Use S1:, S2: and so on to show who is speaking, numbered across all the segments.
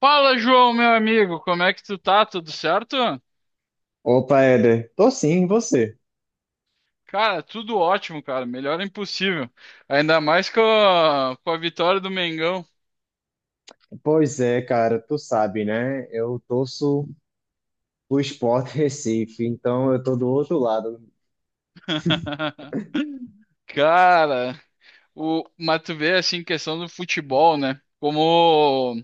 S1: Fala, João, meu amigo, como é que tu tá? Tudo certo?
S2: Opa, Éder, tô sim, e você?
S1: Cara, tudo ótimo, cara. Melhor é impossível. Ainda mais com a vitória do Mengão.
S2: Pois é, cara, tu sabe, né? Eu torço pro Sport Recife, então eu tô do outro lado.
S1: Cara, o, mas tu vê assim, questão do futebol, né? Como,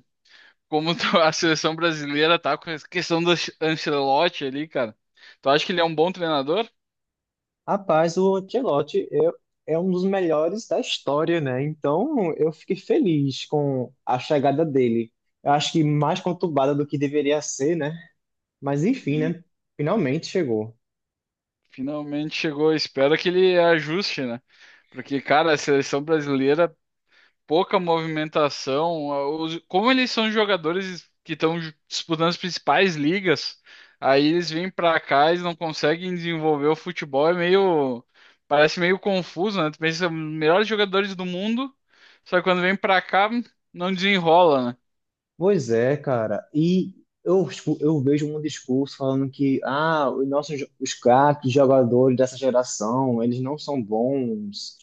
S1: como a seleção brasileira tá com essa questão do Ancelotti ali, cara. Tu acha que ele é um bom treinador?
S2: Rapaz, o Ancelotti é um dos melhores da história, né? Então eu fiquei feliz com a chegada dele. Eu acho que mais conturbada do que deveria ser, né? Mas enfim,
S1: Hum,
S2: né? Finalmente chegou.
S1: Finalmente chegou. Espero que ele ajuste, né? Porque, cara, a seleção brasileira, pouca movimentação. Como eles são jogadores que estão disputando as principais ligas, aí eles vêm pra cá, e não conseguem desenvolver o futebol, é meio, parece meio confuso, né? Tu pensa, melhores jogadores do mundo, só que quando vem pra cá, não desenrola,
S2: Pois é, cara. E eu vejo um discurso falando que ah, os craques, jogadores dessa geração, eles não são bons,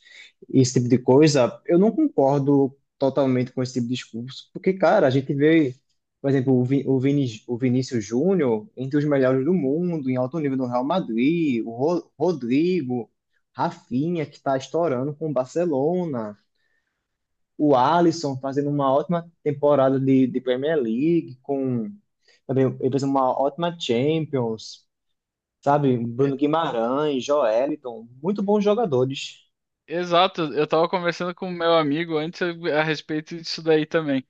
S2: esse tipo de coisa. Eu não concordo totalmente com esse tipo de discurso, porque, cara, a gente vê, por exemplo, o, Vi, o, Vini, o Vinícius Júnior entre os melhores do mundo, em alto nível no Real Madrid, o Rodrigo, Rafinha, que está estourando com o Barcelona, o Alisson fazendo uma ótima temporada de Premier League, com também ele fez uma ótima Champions, sabe? Bruno
S1: né?
S2: Guimarães, Joeliton, muito bons jogadores.
S1: Exato, eu tava conversando com o meu amigo antes a respeito disso daí também.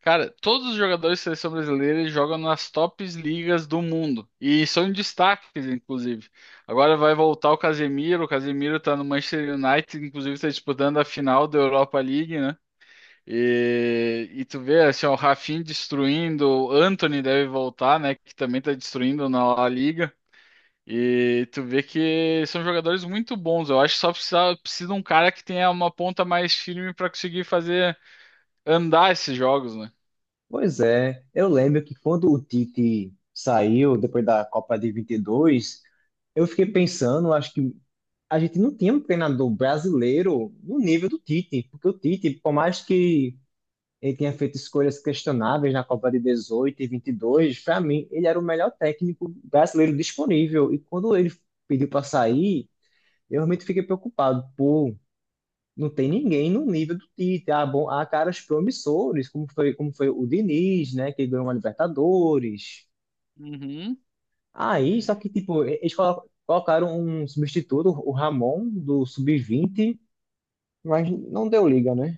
S1: Cara, todos os jogadores de seleção brasileira eles jogam nas tops ligas do mundo e são destaques, inclusive. Agora vai voltar o Casemiro tá no Manchester United, inclusive tá disputando a final da Europa League, né? E tu vê assim, ó, o Rafinha destruindo, o Antony deve voltar, né? Que também tá destruindo na La Liga. E tu vê que são jogadores muito bons. Eu acho que só precisa de um cara que tenha uma ponta mais firme para conseguir fazer andar esses jogos, né?
S2: Pois é, eu lembro que quando o Tite saiu depois da Copa de 22, eu fiquei pensando, acho que a gente não tinha um treinador brasileiro no nível do Tite, porque o Tite, por mais que ele tinha feito escolhas questionáveis na Copa de 18 e 22. Para mim, ele era o melhor técnico brasileiro disponível. E quando ele pediu para sair, eu realmente fiquei preocupado. Pô, não tem ninguém no nível do Tite. Ah, bom, há caras promissores, como foi o Diniz, né, que ganhou uma Libertadores.
S1: Uhum.
S2: Aí, só que, tipo, eles colocaram um substituto, o Ramon, do Sub-20, mas não deu liga, né?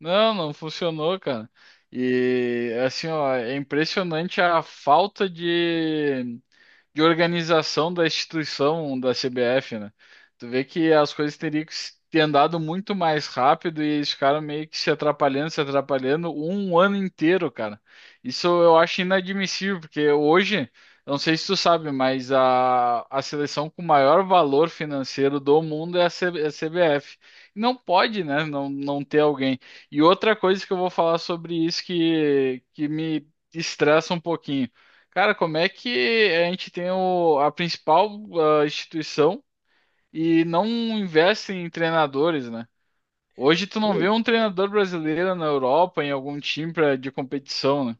S1: Não, não funcionou, cara. E assim, ó, é impressionante a falta de organização da instituição da CBF, né? Tu vê que as coisas teriam que ter andado muito mais rápido e eles ficaram meio que se atrapalhando, se atrapalhando um ano inteiro, cara. Isso eu acho inadmissível, porque hoje, não sei se tu sabe, mas a seleção com maior valor financeiro do mundo é a, é a CBF. Não pode, né, não ter alguém. E outra coisa que eu vou falar sobre isso que me estressa um pouquinho. Cara, como é que a gente tem o, a principal instituição e não investe em treinadores, né? Hoje tu não vê um treinador brasileiro na Europa, em algum time pra, de competição, né?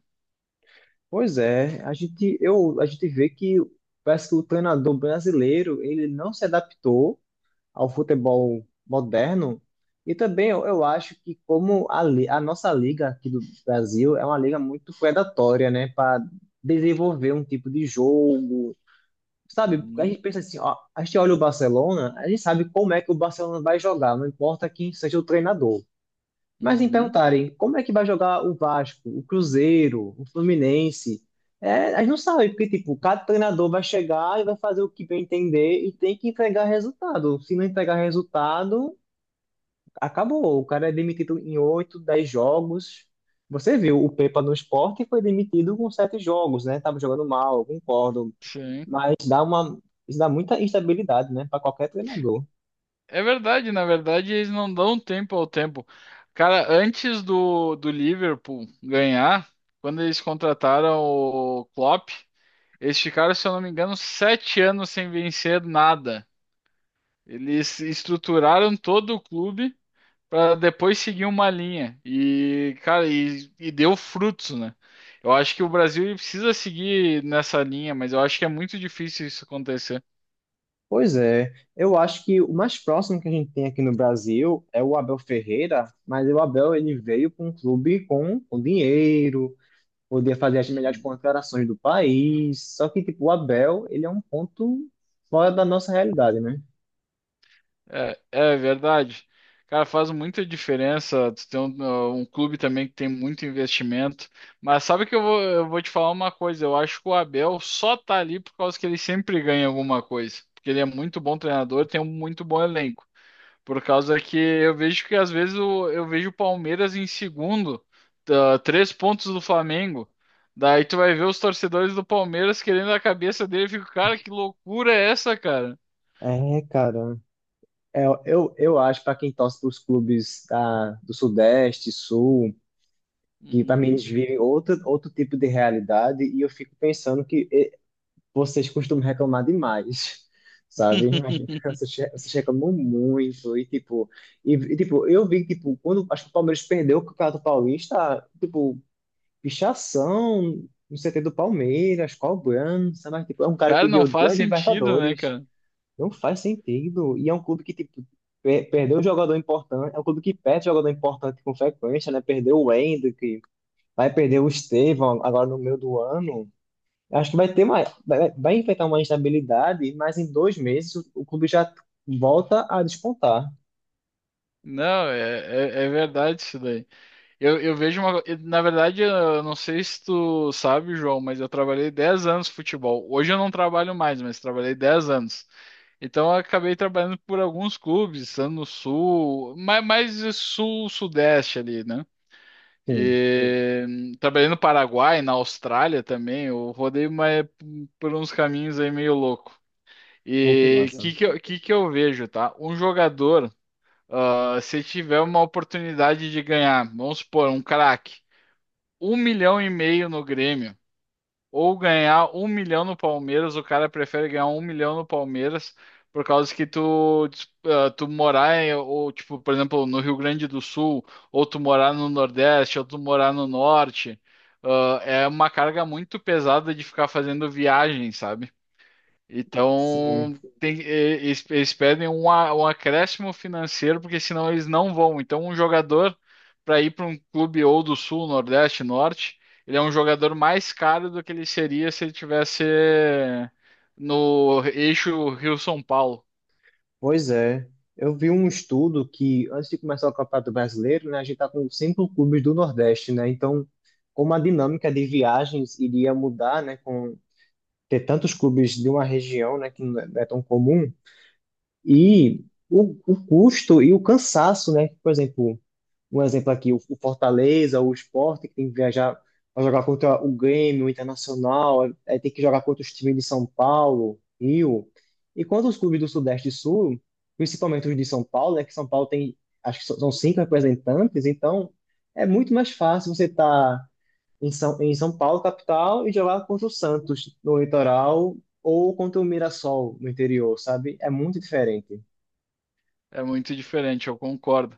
S2: Pois é, a gente vê que parece que o treinador brasileiro ele não se adaptou ao futebol moderno e também eu acho que como a nossa liga aqui do Brasil é uma liga muito predatória, né, para desenvolver um tipo de jogo, sabe? A
S1: Uhum,
S2: gente pensa assim, ó, a gente olha o Barcelona, a gente sabe como é que o Barcelona vai jogar, não importa quem seja o treinador. Mas me
S1: uhum.
S2: perguntarem como é que vai jogar o Vasco, o Cruzeiro, o Fluminense, é, a gente não sabe, porque tipo, cada treinador vai chegar e vai fazer o que bem entender e tem que entregar resultado. Se não entregar resultado, acabou. O cara é demitido em 8, 10 jogos. Você viu, o Pepa no Sport foi demitido com 7 jogos, né? Tava jogando mal, eu concordo.
S1: Sim.
S2: Mas isso dá muita instabilidade, né, para qualquer treinador.
S1: É verdade, na verdade eles não dão tempo ao tempo. Cara, antes do Liverpool ganhar, quando eles contrataram o Klopp, eles ficaram, se eu não me engano, 7 anos sem vencer nada. Eles estruturaram todo o clube para depois seguir uma linha. E, cara, e deu frutos, né? Eu acho que o Brasil ele precisa seguir nessa linha, mas eu acho que é muito difícil isso acontecer.
S2: Pois é, eu acho que o mais próximo que a gente tem aqui no Brasil é o Abel Ferreira, mas o Abel ele veio para um clube com dinheiro, poder fazer as melhores contratações do país, só que tipo, o Abel ele é um ponto fora da nossa realidade, né?
S1: É, é verdade. Cara, faz muita diferença tu ter um, um clube também que tem muito investimento. Mas sabe que eu vou te falar uma coisa, eu acho que o Abel só tá ali por causa que ele sempre ganha alguma coisa. Porque ele é muito bom treinador, tem um muito bom elenco. Por causa que eu vejo que às vezes eu vejo o Palmeiras em segundo, tá, três pontos do Flamengo. Daí tu vai ver os torcedores do Palmeiras querendo a cabeça dele, eu fico, cara, que loucura é essa, cara?
S2: É, cara, eu acho para quem torce para os clubes da, do Sudeste, Sul, que para mim
S1: Hum.
S2: eles vivem outro tipo de realidade, e eu fico pensando que vocês costumam reclamar demais, sabe? Imagina, vocês reclamam muito e tipo, eu vi tipo quando acho que o Palmeiras perdeu o Campeonato Paulista, tipo, pichação no CT do Palmeiras, cobrança, mas tipo, é um cara que
S1: Cara, não
S2: ganhou
S1: faz
S2: duas
S1: sentido, né,
S2: Libertadores.
S1: cara?
S2: Não faz sentido. E é um clube que tipo perdeu um jogador importante, é um clube que perde jogador importante com frequência, né? Perdeu o Hendrick, vai perder o Estevão agora no meio do ano. Acho que vai enfrentar uma instabilidade, mas em 2 meses o clube já volta a despontar.
S1: Não, é, é, é verdade isso daí. Eu vejo uma. Na verdade, eu não sei se tu sabe, João, mas eu trabalhei 10 anos com futebol. Hoje eu não trabalho mais, mas trabalhei 10 anos. Então eu acabei trabalhando por alguns clubes, estando no sul, mais sul-sudeste ali, né?
S2: Sim,
S1: E trabalhei no Paraguai, na Austrália também. Eu rodei mais por uns caminhos aí meio louco.
S2: pô, que
S1: E o
S2: massa.
S1: que que eu, que que eu vejo, tá? Um jogador. Ah, se tiver uma oportunidade de ganhar, vamos supor, um craque, um milhão e meio no Grêmio, ou ganhar um milhão no Palmeiras, o cara prefere ganhar um milhão no Palmeiras por causa que tu, ah, tu morar em, ou tipo, por exemplo, no Rio Grande do Sul, ou tu morar no Nordeste, ou tu morar no Norte, ah, é uma carga muito pesada de ficar fazendo viagem, sabe? Então,
S2: Sim,
S1: eles, eles pedem um, um acréscimo financeiro, porque senão eles não vão. Então, um jogador, para ir para um clube ou do Sul, Nordeste, Norte, ele é um jogador mais caro do que ele seria se ele tivesse no eixo Rio-São Paulo.
S2: pois é. Eu vi um estudo que antes de começar o Campeonato Brasileiro, né, a gente tá com cinco clubes do Nordeste, né? Então, como a dinâmica de viagens iria mudar, né, com ter tantos clubes de uma região, né, que não é tão comum, e o custo e o cansaço, né? Por exemplo, um exemplo aqui, o Fortaleza, o Sport, que tem que viajar para jogar contra o Grêmio, o Internacional, aí tem que jogar contra os times de São Paulo, Rio. E quanto os clubes do Sudeste e Sul, principalmente os de São Paulo, né, que São Paulo tem, acho que são cinco representantes, então é muito mais fácil você estar em São Paulo, capital, e jogar contra o Santos no litoral ou contra o Mirassol no interior, sabe? É muito diferente.
S1: É muito diferente, eu concordo.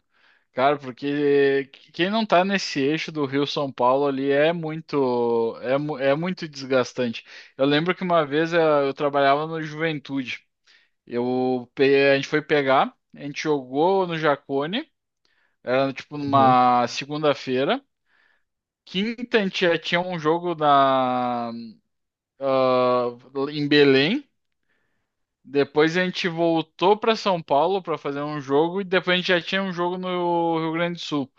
S1: Cara, porque quem não tá nesse eixo do Rio-São Paulo ali é muito, é, é muito desgastante. Eu lembro que uma vez eu, trabalhava no Juventude. Eu, a gente foi pegar, a gente jogou no Jacone, era tipo numa segunda-feira. Quinta a gente já tinha um jogo na, ah, em Belém. Depois a gente voltou para São Paulo para fazer um jogo e depois a gente já tinha um jogo no Rio Grande do Sul.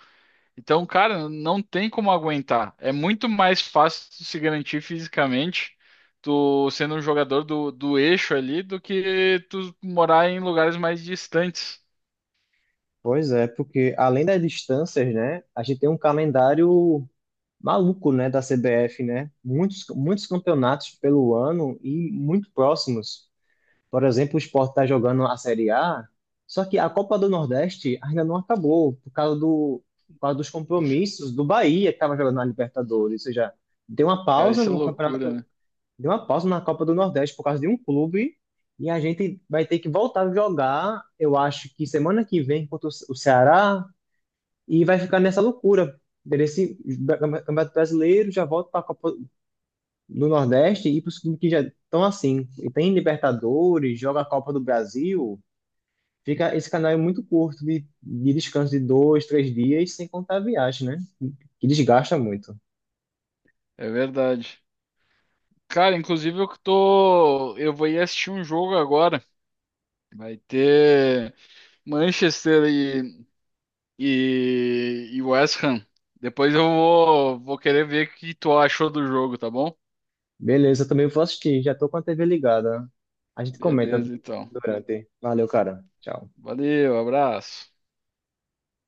S1: Então, cara, não tem como aguentar. É muito mais fácil tu se garantir fisicamente, tu sendo um jogador do eixo ali, do que tu morar em lugares mais distantes.
S2: Pois é, porque além das distâncias, né, a gente tem um calendário maluco, né, da CBF, né? Muitos, muitos campeonatos pelo ano e muito próximos. Por exemplo, o Sport está jogando a Série A, só que a Copa do Nordeste ainda não acabou por causa dos compromissos do Bahia que estava jogando na Libertadores, ou seja, deu uma
S1: Cara,
S2: pausa
S1: isso é
S2: no
S1: loucura,
S2: campeonato,
S1: né?
S2: deu uma pausa na Copa do Nordeste por causa de um clube. E a gente vai ter que voltar a jogar, eu acho que semana que vem contra o Ceará, e vai ficar nessa loucura. Desse Campeonato Brasileiro já volta para a Copa do Nordeste e para os clubes que já estão assim. E tem Libertadores, joga a Copa do Brasil, fica esse canal é muito curto de descanso de dois, três dias, sem contar a viagem, né? Que desgasta muito.
S1: É verdade. Cara, inclusive eu que tô. Eu vou ir assistir um jogo agora. Vai ter Manchester e West Ham. Depois eu vou querer ver o que tu achou do jogo, tá bom?
S2: Beleza, eu também vou assistir, já tô com a TV ligada. A gente comenta
S1: Beleza, então.
S2: durante. Valeu, cara. Tchau.
S1: Valeu, abraço.